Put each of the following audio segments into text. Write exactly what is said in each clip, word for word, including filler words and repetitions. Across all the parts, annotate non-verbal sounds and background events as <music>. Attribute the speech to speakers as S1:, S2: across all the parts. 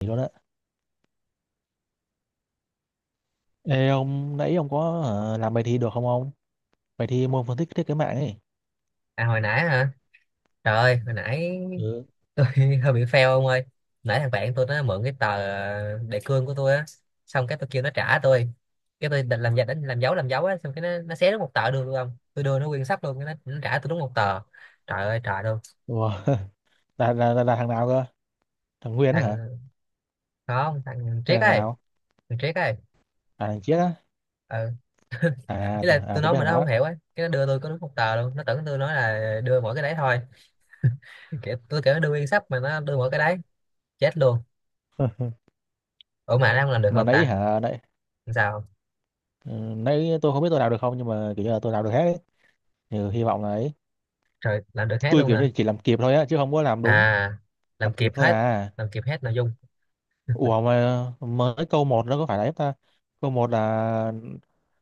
S1: Gì đó đó. Ê ông, nãy ông có ờ, làm bài thi được không ông, bài thi môn phân tích thiết kế mạng ấy?
S2: À hồi nãy hả? Trời ơi, hồi nãy
S1: Ừ.
S2: tôi <laughs> hơi bị fail ông ơi. Nãy thằng bạn tôi nó mượn cái tờ ờ, đề cương của tôi á, xong cái tôi kêu nó trả tôi. Cái tôi định làm giả đánh làm dấu làm dấu á, xong cái nó nó xé đúng một tờ đường luôn không? Tôi đưa nó nguyên sách luôn, cái nó, nó trả tôi đúng một tờ. Trời ơi trời luôn.
S1: Ủa, <laughs> là, là, là, là thằng nào cơ, thằng Nguyên á hả,
S2: Thằng Không, thằng
S1: hay
S2: Triết
S1: thằng
S2: ấy,
S1: nào?
S2: thằng Triết ấy.
S1: À thằng Chiết á?
S2: Ừ. <laughs>
S1: À,
S2: Ý
S1: tôi-
S2: là
S1: à
S2: tôi
S1: tôi
S2: nói
S1: biết
S2: mà
S1: thằng
S2: nó không
S1: đó.
S2: hiểu ấy, cái nó đưa tôi có đúng một tờ luôn, nó tưởng tôi nói là đưa mỗi cái đấy thôi. <laughs> Kiểu, tôi kiểu nó đưa nguyên sách mà nó đưa mỗi cái đấy, chết luôn. Ủa mà nó không làm được
S1: Mà
S2: không
S1: nãy
S2: ta?
S1: hả, nãy?
S2: Làm sao?
S1: Ừ, nãy tôi không biết tôi làm được không, nhưng mà kiểu như là tôi làm được hết ấy. Ừ, hy vọng là ấy.
S2: Rồi làm được hết
S1: Tôi
S2: luôn
S1: kiểu như
S2: hả?
S1: chỉ làm kịp thôi á, chứ không có làm đúng.
S2: À, làm
S1: Làm kịp
S2: kịp
S1: thôi
S2: hết,
S1: à.
S2: làm kịp hết nội dung.
S1: Ủa mà mới câu một, nó có phải là ép ta? Câu một là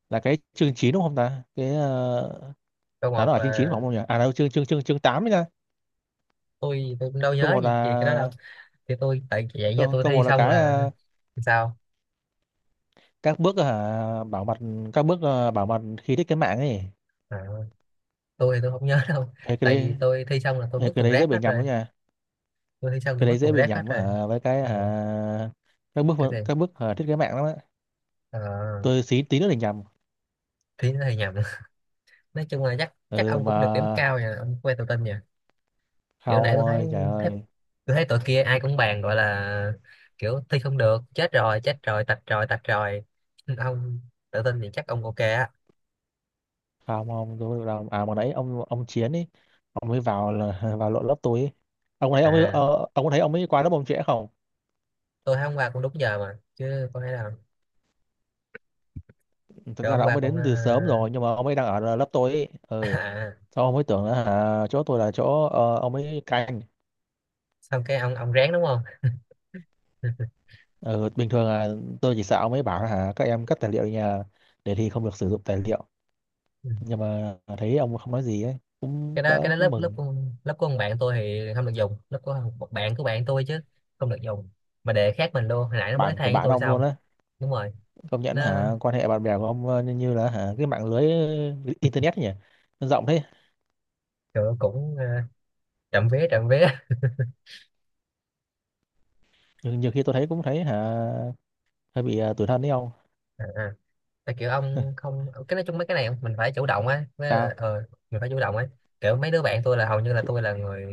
S1: là cái chương chín đúng không ta, cái ờ,
S2: Câu
S1: là
S2: một
S1: nó ở chương chín
S2: là
S1: phải không nhỉ? À đâu, chương chương chương chương tám.
S2: tôi tôi cũng đâu
S1: Câu
S2: nhớ
S1: một
S2: gì, gì
S1: là,
S2: cái đó đâu. Thì tôi tại vậy nha,
S1: câu,
S2: tôi
S1: câu
S2: thi
S1: một là
S2: xong
S1: cái
S2: là
S1: ờ,
S2: sao?
S1: các bước ờ, hả bảo mật, các bước ờ, bảo mật khi thiết kế mạng ấy.
S2: À, tôi thì tôi không nhớ <laughs> đâu.
S1: Thấy cái
S2: Tại vì
S1: đấy,
S2: tôi thi xong là tôi
S1: thấy
S2: vứt
S1: cái
S2: thùng
S1: đấy dễ
S2: rác hết
S1: bị nhầm
S2: rồi.
S1: lắm nha.
S2: Tôi thi xong
S1: Cái
S2: tôi vứt
S1: đấy
S2: thùng
S1: dễ bị
S2: rác hết
S1: nhầm
S2: rồi.
S1: hả, với cái
S2: À,
S1: hả các bước,
S2: cái gì?
S1: các bước hả thiết kế mạng lắm á.
S2: À,
S1: Tôi xí tí nữa thì nhầm.
S2: thi nó hơi nhầm. <laughs> Nói chung là chắc chắc
S1: Ừ
S2: ông
S1: mà
S2: cũng được điểm cao nha, ông quay tự tin nha. Kiểu
S1: không
S2: nãy
S1: ông
S2: tôi thấy
S1: ơi, trời
S2: thấy
S1: ơi.
S2: tôi thấy tụi kia ai cũng bàn gọi là kiểu thi không được, chết rồi chết rồi, tạch rồi tạch rồi. <laughs> Ông tự tin thì chắc ông ok á.
S1: Không không, tôi không làm. À mà nãy ông ông Chiến ấy, ông mới vào là <laughs> vào lộn lớp tôi ấy. Ông thấy ông ấy,
S2: À,
S1: ờ, ông có thấy ông ấy qua lớp ông trễ không?
S2: tôi thấy hôm qua cũng đúng giờ mà, chứ có thể nào.
S1: Thật
S2: Rồi
S1: ra
S2: hôm
S1: là ông
S2: qua
S1: ấy
S2: cũng ờ,
S1: đến từ sớm rồi, nhưng mà ông ấy đang ở lớp tôi ấy.
S2: <laughs>
S1: Ừ.
S2: à,
S1: Sao ông ấy tưởng là hả, chỗ tôi là chỗ ờ, ông ấy canh.
S2: xong cái ông ông ráng đúng không. <laughs>
S1: Ừ, bình thường là tôi chỉ sợ ông ấy bảo là hả các em cất tài liệu nhà, để thi không được sử dụng tài liệu,
S2: Ừ.
S1: nhưng mà thấy ông không nói gì ấy, cũng
S2: cái đó cái
S1: đỡ,
S2: đó
S1: cũng
S2: lớp lớp
S1: mừng.
S2: của, lớp của ông bạn tôi thì không được dùng, lớp của một bạn của bạn tôi chứ không được dùng, mà đề khác mình luôn, hồi nãy nó mới
S1: Bạn của
S2: than với
S1: bạn
S2: tôi
S1: ông
S2: xong.
S1: luôn á.
S2: Đúng rồi.
S1: Công nhận
S2: Nó
S1: hả, quan hệ bạn bè của ông ờ, như, như là hả cái mạng lưới ờ, internet ấy nhỉ, nó rộng thế.
S2: kiểu cũng ờ, trộm vía trộm vía.
S1: Nhưng nhiều khi tôi thấy cũng thấy hả hơi bị ờ, tủi thân đấy ông.
S2: <laughs> À, tại kiểu ông không, cái nói chung mấy cái này mình phải chủ động á, với là
S1: Sao?
S2: ờ, mình phải chủ động ấy. Kiểu mấy đứa bạn tôi là hầu như là
S1: Chứ-
S2: tôi là người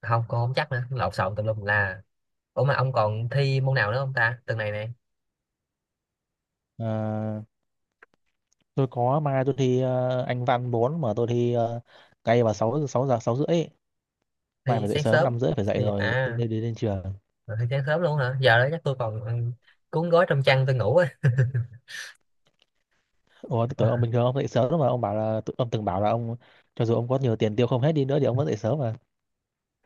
S2: không, cô không chắc nữa, lộn xộn tùm lum là. Ủa mà ông còn thi môn nào nữa không ta tuần này này?
S1: ờ, tôi có mai tôi thi ờ, Anh văn bốn, mà tôi thi ờ, ngay vào 6 sáu giờ sáu rưỡi. Mai
S2: Thi
S1: phải dậy
S2: sáng
S1: sớm,
S2: sớm
S1: năm rưỡi phải dậy
S2: thì
S1: rồi nên
S2: à,
S1: đi, đi lên trường.
S2: rồi thi sáng sớm luôn hả, giờ đó chắc tôi còn ừ, cuốn gói trong chăn tôi ngủ á.
S1: Ủa thế tối ông,
S2: <laughs>
S1: bình thường ông dậy sớm lắm mà, ông bảo là tự- ông từng bảo là ông, cho dù ông có nhiều tiền tiêu không hết đi nữa thì ông vẫn dậy sớm mà.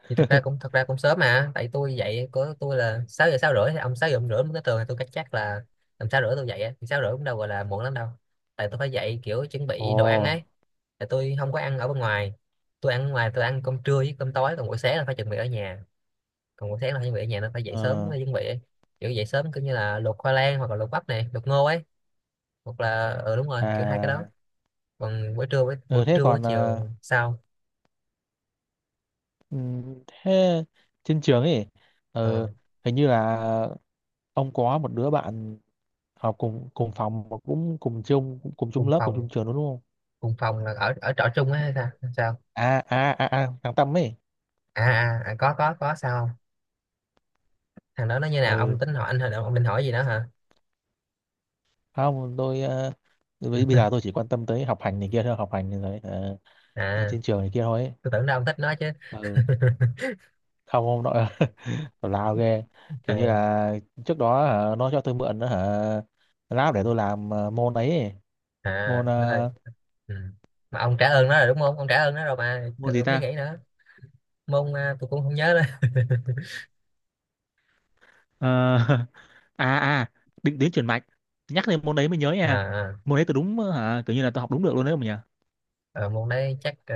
S2: Thì thật ra cũng thật ra cũng sớm mà, tại tôi dậy của tôi là sáu giờ sáu rưỡi, thì ông sáu giờ ông rưỡi mới tới trường thì tôi cách chắc là tầm sáu rưỡi tôi dậy á. Thì sáu rưỡi cũng đâu gọi là muộn lắm đâu, tại tôi phải dậy kiểu chuẩn
S1: Ồ.
S2: bị đồ ăn ấy. Tại tôi không có ăn ở bên ngoài, tôi ăn ở ngoài tôi ăn cơm trưa với cơm tối, còn buổi sáng là phải chuẩn bị ở nhà, còn buổi sáng là phải chuẩn bị ở nhà nên phải dậy sớm
S1: Ờ.
S2: mới chuẩn bị ấy. Kiểu dậy sớm cứ như là luộc khoai lang hoặc là luộc bắp này, luộc ngô ấy, hoặc là ừ đúng rồi kiểu hai cái đó.
S1: À.
S2: Còn buổi trưa buổi,
S1: Ừ,
S2: buổi
S1: thế
S2: trưa buổi
S1: còn ờ,
S2: chiều sau
S1: ừm, thế trên trường ấy,
S2: ờ,
S1: ờ, hình như là ông có một đứa bạn học cùng cùng phòng mà cũng cùng chung cùng chung
S2: cùng
S1: lớp, cùng
S2: phòng.
S1: chung trường đúng không?
S2: Cùng phòng là ở ở trọ chung ấy hay sao? Sao?
S1: À à à à thằng Tâm ấy.
S2: À, à, à có có có sao không, thằng đó nó như nào, ông
S1: Ừ,
S2: tính hỏi anh hồi, ông định hỏi gì đó hả?
S1: không tôi ờ, bây bây giờ
S2: <laughs>
S1: tôi chỉ quan tâm tới học hành này kia thôi, học hành này rồi. Ờ. Ở
S2: À,
S1: trên trường này kia thôi ấy.
S2: tôi tưởng đâu ông thích nó chứ.
S1: Ừ,
S2: <laughs>
S1: không không nội <laughs> tào lao ghê. Kiểu như
S2: À,
S1: là trước đó hả, nó cho tôi mượn hả lab để tôi làm ờ, môn ấy, ấy.
S2: à
S1: Môn
S2: nên là
S1: ờ,
S2: ừ. Mà ông trả ơn nó rồi đúng không, ông trả ơn nó rồi mà
S1: môn
S2: cần
S1: gì ta?
S2: phải nghĩ nữa. Môn à, tôi cũng không nhớ nữa.
S1: Ờ, <laughs> à à định tuyến chuyển mạch. Nhắc đến môn đấy mới nhớ
S2: À
S1: nha.
S2: à.
S1: Môn đấy tôi đúng hả, kiểu như là tôi học đúng được luôn đấy mà nhỉ.
S2: Ờ, môn đấy chắc ờ,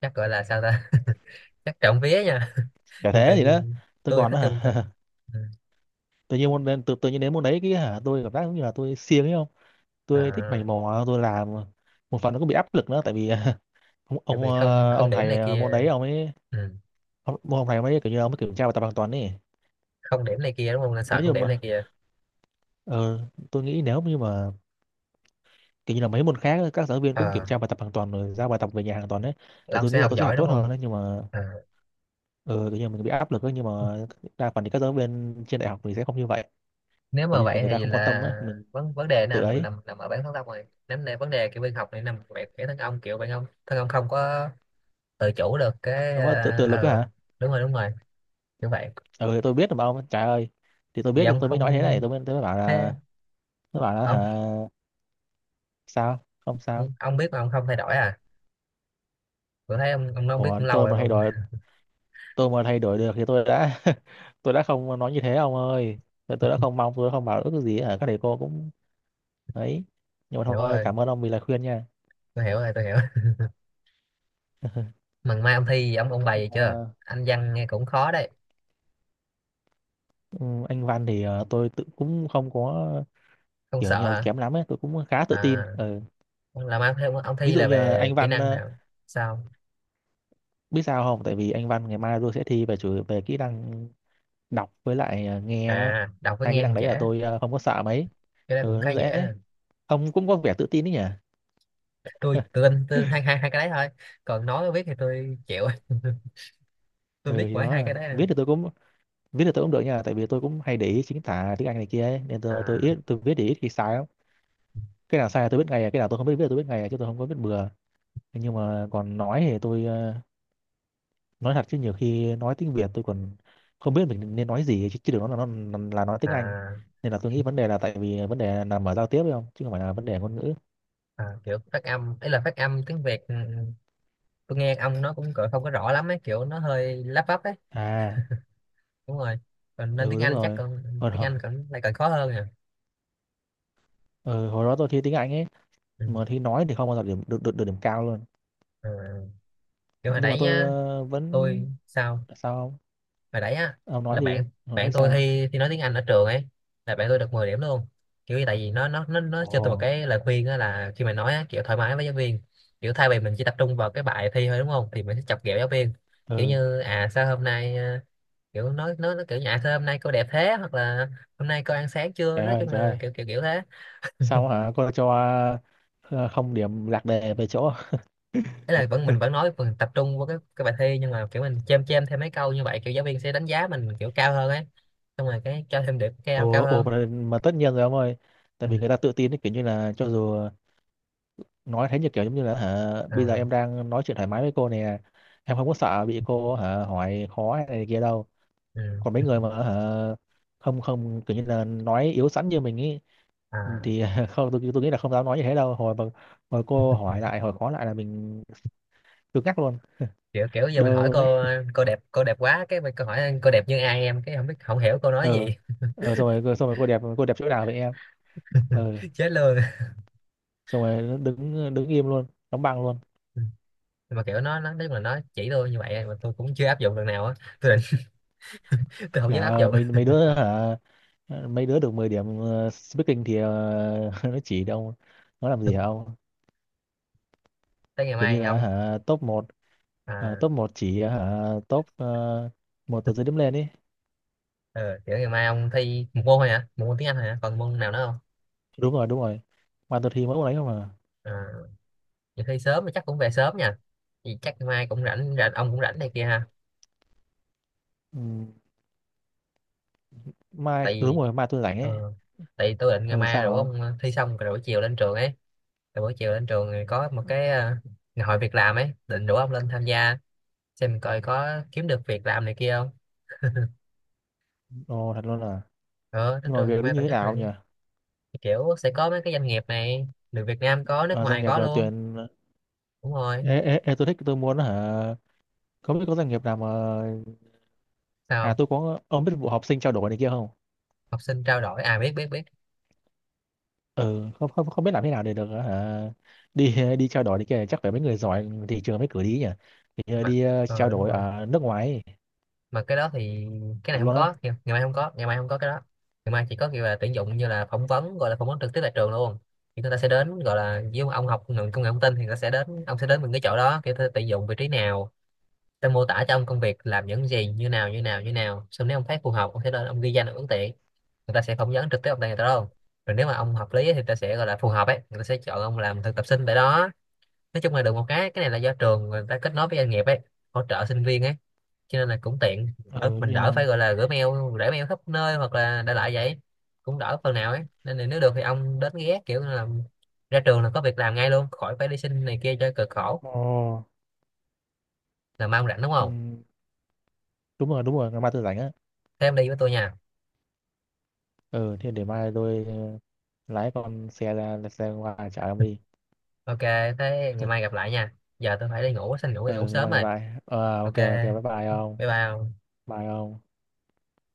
S2: chắc gọi là sao ta? <laughs> Chắc trộm vía nha. <laughs>
S1: Chả
S2: Dùng từ,
S1: thế gì đó, tôi
S2: tôi
S1: còn
S2: thích dùng
S1: hả
S2: từ.
S1: <laughs>
S2: Ừ.
S1: tự nhiên môn đến tự, tự nhiên đến môn đấy cái hả tôi cảm giác giống như là tôi siêng ấy không, tôi thích
S2: À,
S1: mày mò tôi làm. Một phần nó cũng bị áp lực nữa tại vì <laughs> ông
S2: kiểu
S1: ông
S2: bị không
S1: ờ,
S2: không
S1: ông
S2: điểm này
S1: thầy ờ, môn đấy
S2: kia.
S1: ông ấy
S2: Ừ.
S1: hôm, hôm nay mới kiểu như ông mới kiểm tra bài tập hoàn toàn ấy.
S2: Không điểm này kia đúng không, nên sợ
S1: Nếu
S2: không
S1: như
S2: điểm này
S1: mà
S2: kia.
S1: ờ, tôi nghĩ nếu như mà kiểu như là mấy môn khác các giáo viên cũng kiểm
S2: Ờ,
S1: tra bài tập hoàn toàn rồi giao bài tập về nhà hoàn toàn đấy, thì
S2: Long
S1: tôi nghĩ
S2: sẽ
S1: là
S2: học
S1: tôi sẽ
S2: giỏi
S1: học
S2: đúng
S1: tốt
S2: không?
S1: hơn đấy, nhưng mà
S2: À,
S1: ờ, kiểu như mình bị áp lực ấy, nhưng mà đa phần thì các giáo viên trên đại học thì sẽ không như vậy.
S2: nếu
S1: Kiểu
S2: mà
S1: như là
S2: vậy
S1: người ta
S2: thì
S1: không quan tâm
S2: là
S1: á mình,
S2: vấn vấn đề
S1: mình tự
S2: nào nằm
S1: ấy,
S2: nằm nằm ở bản thân ông này. Nếu này vấn đề kiểu bên học này nằm về cái thân ông, kiểu bạn ông thân ông không có tự chủ được cái
S1: không có tự,
S2: ờ
S1: tự lực á
S2: ờ,
S1: hả.
S2: đúng rồi đúng rồi, như vậy.
S1: Ờ thì tôi biết mà ông, trời ơi. Thì tôi
S2: Vì
S1: biết, thì
S2: ông
S1: tôi mới
S2: không,
S1: nói thế này, tôi mới, tôi mới bảo
S2: thế
S1: là, tôi bảo là
S2: ông
S1: hả sao không sao.
S2: ông ông biết mà ông không thay đổi à, tôi thấy ông ông nói ông biết
S1: Ủa
S2: cũng lâu
S1: tôi
S2: rồi
S1: mà
S2: mà
S1: hay
S2: không
S1: đòi, tôi mà thay đổi được thì tôi đã <laughs> tôi đã không nói như thế ông ơi. Tôi tôi đã không mong, tôi đã không bảo ước gì ở các thầy cô cũng ấy. Nhưng mà
S2: hiểu
S1: thôi,
S2: rồi.
S1: cảm ơn ông vì lời khuyên nha.
S2: Tôi hiểu rồi, tôi hiểu. Mà mai ông thi ông ông bài gì chưa,
S1: Ờ,
S2: anh văn nghe cũng khó đấy,
S1: <laughs> ừ, anh Văn thì ờ, tôi tự cũng không có
S2: không
S1: kiểu
S2: sợ
S1: như là
S2: hả?
S1: kém lắm ấy, tôi cũng khá tự tin.
S2: À,
S1: Ờ,
S2: là mai ông thi, ông
S1: ví
S2: thi
S1: dụ
S2: là
S1: như là
S2: về
S1: anh
S2: kỹ
S1: Văn
S2: năng
S1: ờ,
S2: nào? Sao?
S1: biết sao không, tại vì anh Văn ngày mai tôi sẽ thi về chủ về kỹ năng đọc với lại ờ, nghe á.
S2: À, đọc với
S1: Hai kỹ
S2: nghe thì
S1: năng đấy
S2: dễ,
S1: là tôi ờ, không có sợ mấy.
S2: cái đó
S1: Ừ,
S2: cũng khá
S1: nó
S2: dễ
S1: dễ.
S2: nè.
S1: Ông cũng có vẻ tự tin đấy nhỉ.
S2: Tôi tự tin tôi, hai hai hai cái đấy thôi, còn nói viết thì tôi chịu. <laughs> Tôi
S1: Ừ
S2: biết
S1: thì
S2: mỗi hai
S1: đó,
S2: cái đấy à,
S1: viết thì tôi cũng, viết thì tôi cũng được nha, tại vì tôi cũng hay để ý chính tả tiếng Anh này kia ấy. Nên tôi tôi
S2: à,
S1: ít tôi viết thì ít khi sai lắm. Cái nào sai là tôi biết ngay à, cái nào tôi không biết viết là tôi biết ngay à, chứ tôi không có biết bừa. Nhưng mà còn nói thì tôi ờ, nói thật chứ nhiều khi nói tiếng Việt tôi còn không biết mình nên nói gì chứ, chứ đừng nói là nó là nói tiếng Anh.
S2: à,
S1: Nên là tôi nghĩ vấn đề là tại vì vấn đề nằm ở giao tiếp ấy không, chứ không phải là vấn đề ngôn ngữ.
S2: à, kiểu phát âm ấy, là phát âm tiếng Việt ừ, tôi nghe ông nó cũng cỡ không có rõ lắm ấy, kiểu nó hơi lắp bắp ấy.
S1: À
S2: Đúng rồi, còn nên
S1: ừ
S2: tiếng
S1: đúng
S2: Anh chắc
S1: rồi,
S2: còn,
S1: hồi
S2: tiếng
S1: đó,
S2: Anh còn lại còn khó hơn nè.
S1: ừ, hồi đó tôi thi tiếng Anh ấy,
S2: Ừ.
S1: mà thi nói thì không bao giờ điểm được được, được điểm cao luôn.
S2: À, kiểu hồi
S1: Nhưng mà
S2: nãy
S1: tôi
S2: nhá,
S1: ờ, vẫn
S2: tôi sao,
S1: sao không.
S2: hồi đấy á
S1: Ông nói
S2: là
S1: đi,
S2: bạn
S1: hồi
S2: bạn
S1: nãy
S2: tôi
S1: sao?
S2: thi, thi nói tiếng Anh ở trường ấy, là bạn tôi được mười điểm luôn. Kiểu như tại vì nó nó nó nó cho tôi một
S1: Ồ,
S2: cái lời khuyên á, là khi mà nói á, kiểu thoải mái với giáo viên, kiểu thay vì mình chỉ tập trung vào cái bài thi thôi đúng không, thì mình sẽ chọc ghẹo giáo viên, kiểu
S1: ừ.
S2: như à sao hôm nay à, kiểu nói nói nó kiểu như à sao hôm nay cô đẹp thế, hoặc là hôm nay cô ăn sáng chưa,
S1: Trời
S2: nói
S1: ơi,
S2: chung
S1: trời ơi.
S2: là kiểu kiểu kiểu thế.
S1: Sao hả? Cô cho ờ, không điểm lạc đề về chỗ.
S2: Thế là vẫn mình vẫn nói, mình tập trung vào cái cái bài thi, nhưng mà kiểu mình chêm chêm thêm mấy câu như vậy, kiểu giáo viên sẽ đánh giá mình kiểu cao hơn ấy, xong rồi cái cho thêm điểm cao cao
S1: Ồ, ồ
S2: hơn
S1: mà, mà tất nhiên rồi ông ơi. Tại
S2: Ừ.
S1: vì người ta tự tin ấy, kiểu như là cho dù nói thế như kiểu giống như là hả, bây giờ
S2: À.
S1: em đang nói chuyện thoải mái với cô nè. Em không có sợ bị cô hả hỏi khó hay này kia đâu.
S2: Ừ.
S1: Còn mấy người mà hả không không, kiểu như là nói yếu sẵn như mình ấy,
S2: À,
S1: thì <laughs> không tôi, tôi nghĩ là không dám nói như thế đâu. Hồi mà hồi cô hỏi lại, hồi khó lại là mình cứng ngắc luôn,
S2: kiểu kiểu giờ
S1: đơ
S2: mình hỏi
S1: luôn đấy.
S2: cô, cô đẹp cô đẹp quá, cái mình cô hỏi cô đẹp như ai em, cái không biết không hiểu cô nói
S1: Ờ,
S2: gì.
S1: ờ xong rồi, xong rồi cô đẹp, cô đẹp chỗ nào vậy em. Ờ,
S2: <laughs> Chết luôn.
S1: xong rồi nó đứng đứng im luôn, đóng băng luôn.
S2: Ừ. Mà kiểu nó nó nói chung là nó chỉ tôi như vậy mà tôi cũng chưa áp dụng lần nào á, tôi định <laughs> tôi không dám
S1: Trời
S2: áp
S1: ơi,
S2: dụng
S1: mấy mấy đứa hả, mấy đứa được mười điểm ờ, speaking thì ờ, <laughs> nó chỉ đâu, nó làm gì hả ông.
S2: tới ngày
S1: Kiểu như
S2: mai
S1: là
S2: ông.
S1: hả top một,
S2: À
S1: top một chỉ hả top uh, một từ dưới điểm lên ấy.
S2: ừ, kiểu ngày mai ông thi một môn thôi hả, một môn tiếng Anh thôi hả, còn môn nào nữa không?
S1: Đúng rồi, đúng rồi, mai tôi thi mỗi một đấy không à.
S2: À, vậy thi sớm thì chắc cũng về sớm nha, thì chắc ngày mai cũng rảnh, rảnh ông cũng rảnh này kia ha.
S1: Ừ, mai
S2: Tại
S1: đúng
S2: vì
S1: rồi, mai tôi rảnh ấy.
S2: ờ, tại vì tôi định ngày
S1: Ờ
S2: mai
S1: sao
S2: rủ
S1: hả ông?
S2: ông thi xong rồi buổi chiều lên trường ấy. Rồi buổi chiều lên trường thì có một cái ờ, ngày hội việc làm ấy, định rủ ông lên tham gia, xem coi có kiếm được việc làm này kia không.
S1: Ồ thật luôn à?
S2: Ờ, đến
S1: Nhưng mà
S2: trường ngày
S1: việc đấy
S2: mai
S1: như
S2: tổ
S1: thế
S2: chức
S1: nào
S2: này.
S1: nhỉ?
S2: Thì kiểu sẽ có mấy cái doanh nghiệp này, được Việt Nam có nước
S1: Ờ, doanh
S2: ngoài
S1: nghiệp
S2: có
S1: ờ,
S2: luôn.
S1: tuyển.
S2: Đúng rồi.
S1: Ê, ê, ê, tôi thích tôi muốn hả, không biết có doanh nghiệp nào mà, à
S2: Sao,
S1: tôi có, ông biết vụ học sinh trao đổi này kia không?
S2: học sinh trao đổi à, biết biết biết.
S1: Ừ, không không, không biết làm thế nào để được hả? Đi, đi trao đổi này kia chắc phải mấy người giỏi thị trường mới cử đi nhỉ. Thì ờ,
S2: Mà
S1: đi ờ, trao
S2: ờ đúng
S1: đổi
S2: rồi,
S1: ở nước ngoài ấy.
S2: mà cái đó thì, cái
S1: Thật
S2: này không
S1: luôn
S2: có
S1: á.
S2: ngày, ngày mai không có, ngày mai không có cái đó. Ngày mai chỉ có kiểu là tuyển dụng, như là phỏng vấn, gọi là phỏng vấn trực tiếp tại trường luôn. Thì người ta sẽ đến, gọi là với ông học ngành công nghệ thông tin thì người ta sẽ đến ông, sẽ đến mình cái chỗ đó kiểu ta tuyển dụng vị trí nào, tôi mô tả cho ông công việc làm những gì như nào như nào như nào, xong nếu ông thấy phù hợp ông sẽ lên ông ghi danh ông ứng tuyển, người ta sẽ phỏng vấn trực tiếp ông tại người ta đâu, rồi nếu mà ông hợp lý thì người ta sẽ gọi là phù hợp ấy, người ta sẽ chọn ông làm thực tập sinh tại đó. Nói chung là được một cái cái này là do trường người ta kết nối với doanh nghiệp ấy, hỗ trợ sinh viên ấy, cho nên là cũng tiện. Ờ,
S1: Ừ
S2: mình đỡ
S1: như.
S2: phải gọi là gửi mail, để mail khắp nơi hoặc là đại loại vậy, cũng đỡ phần nào ấy, nên là nếu được thì ông đến ghé, kiểu là ra trường là có việc làm ngay luôn, khỏi phải đi xin này kia cho cực khổ.
S1: Ồ.
S2: Là mong rảnh đúng
S1: Ừ,
S2: không?
S1: đúng rồi, đúng rồi, ngày mai tôi rảnh á.
S2: Thế em đi với tôi nha.
S1: Ừ, thì để mai tôi ờ, lái con xe ra, xe qua chở ông đi.
S2: Ok, thế ngày mai gặp lại nha, giờ tôi phải đi ngủ, xin ngủ đi ngủ
S1: Ừ, ngày
S2: sớm
S1: mai gặp
S2: rồi.
S1: lại. Ờ ok,
S2: Ok,
S1: ok bye bye ông.
S2: bye bye.
S1: Bye ông.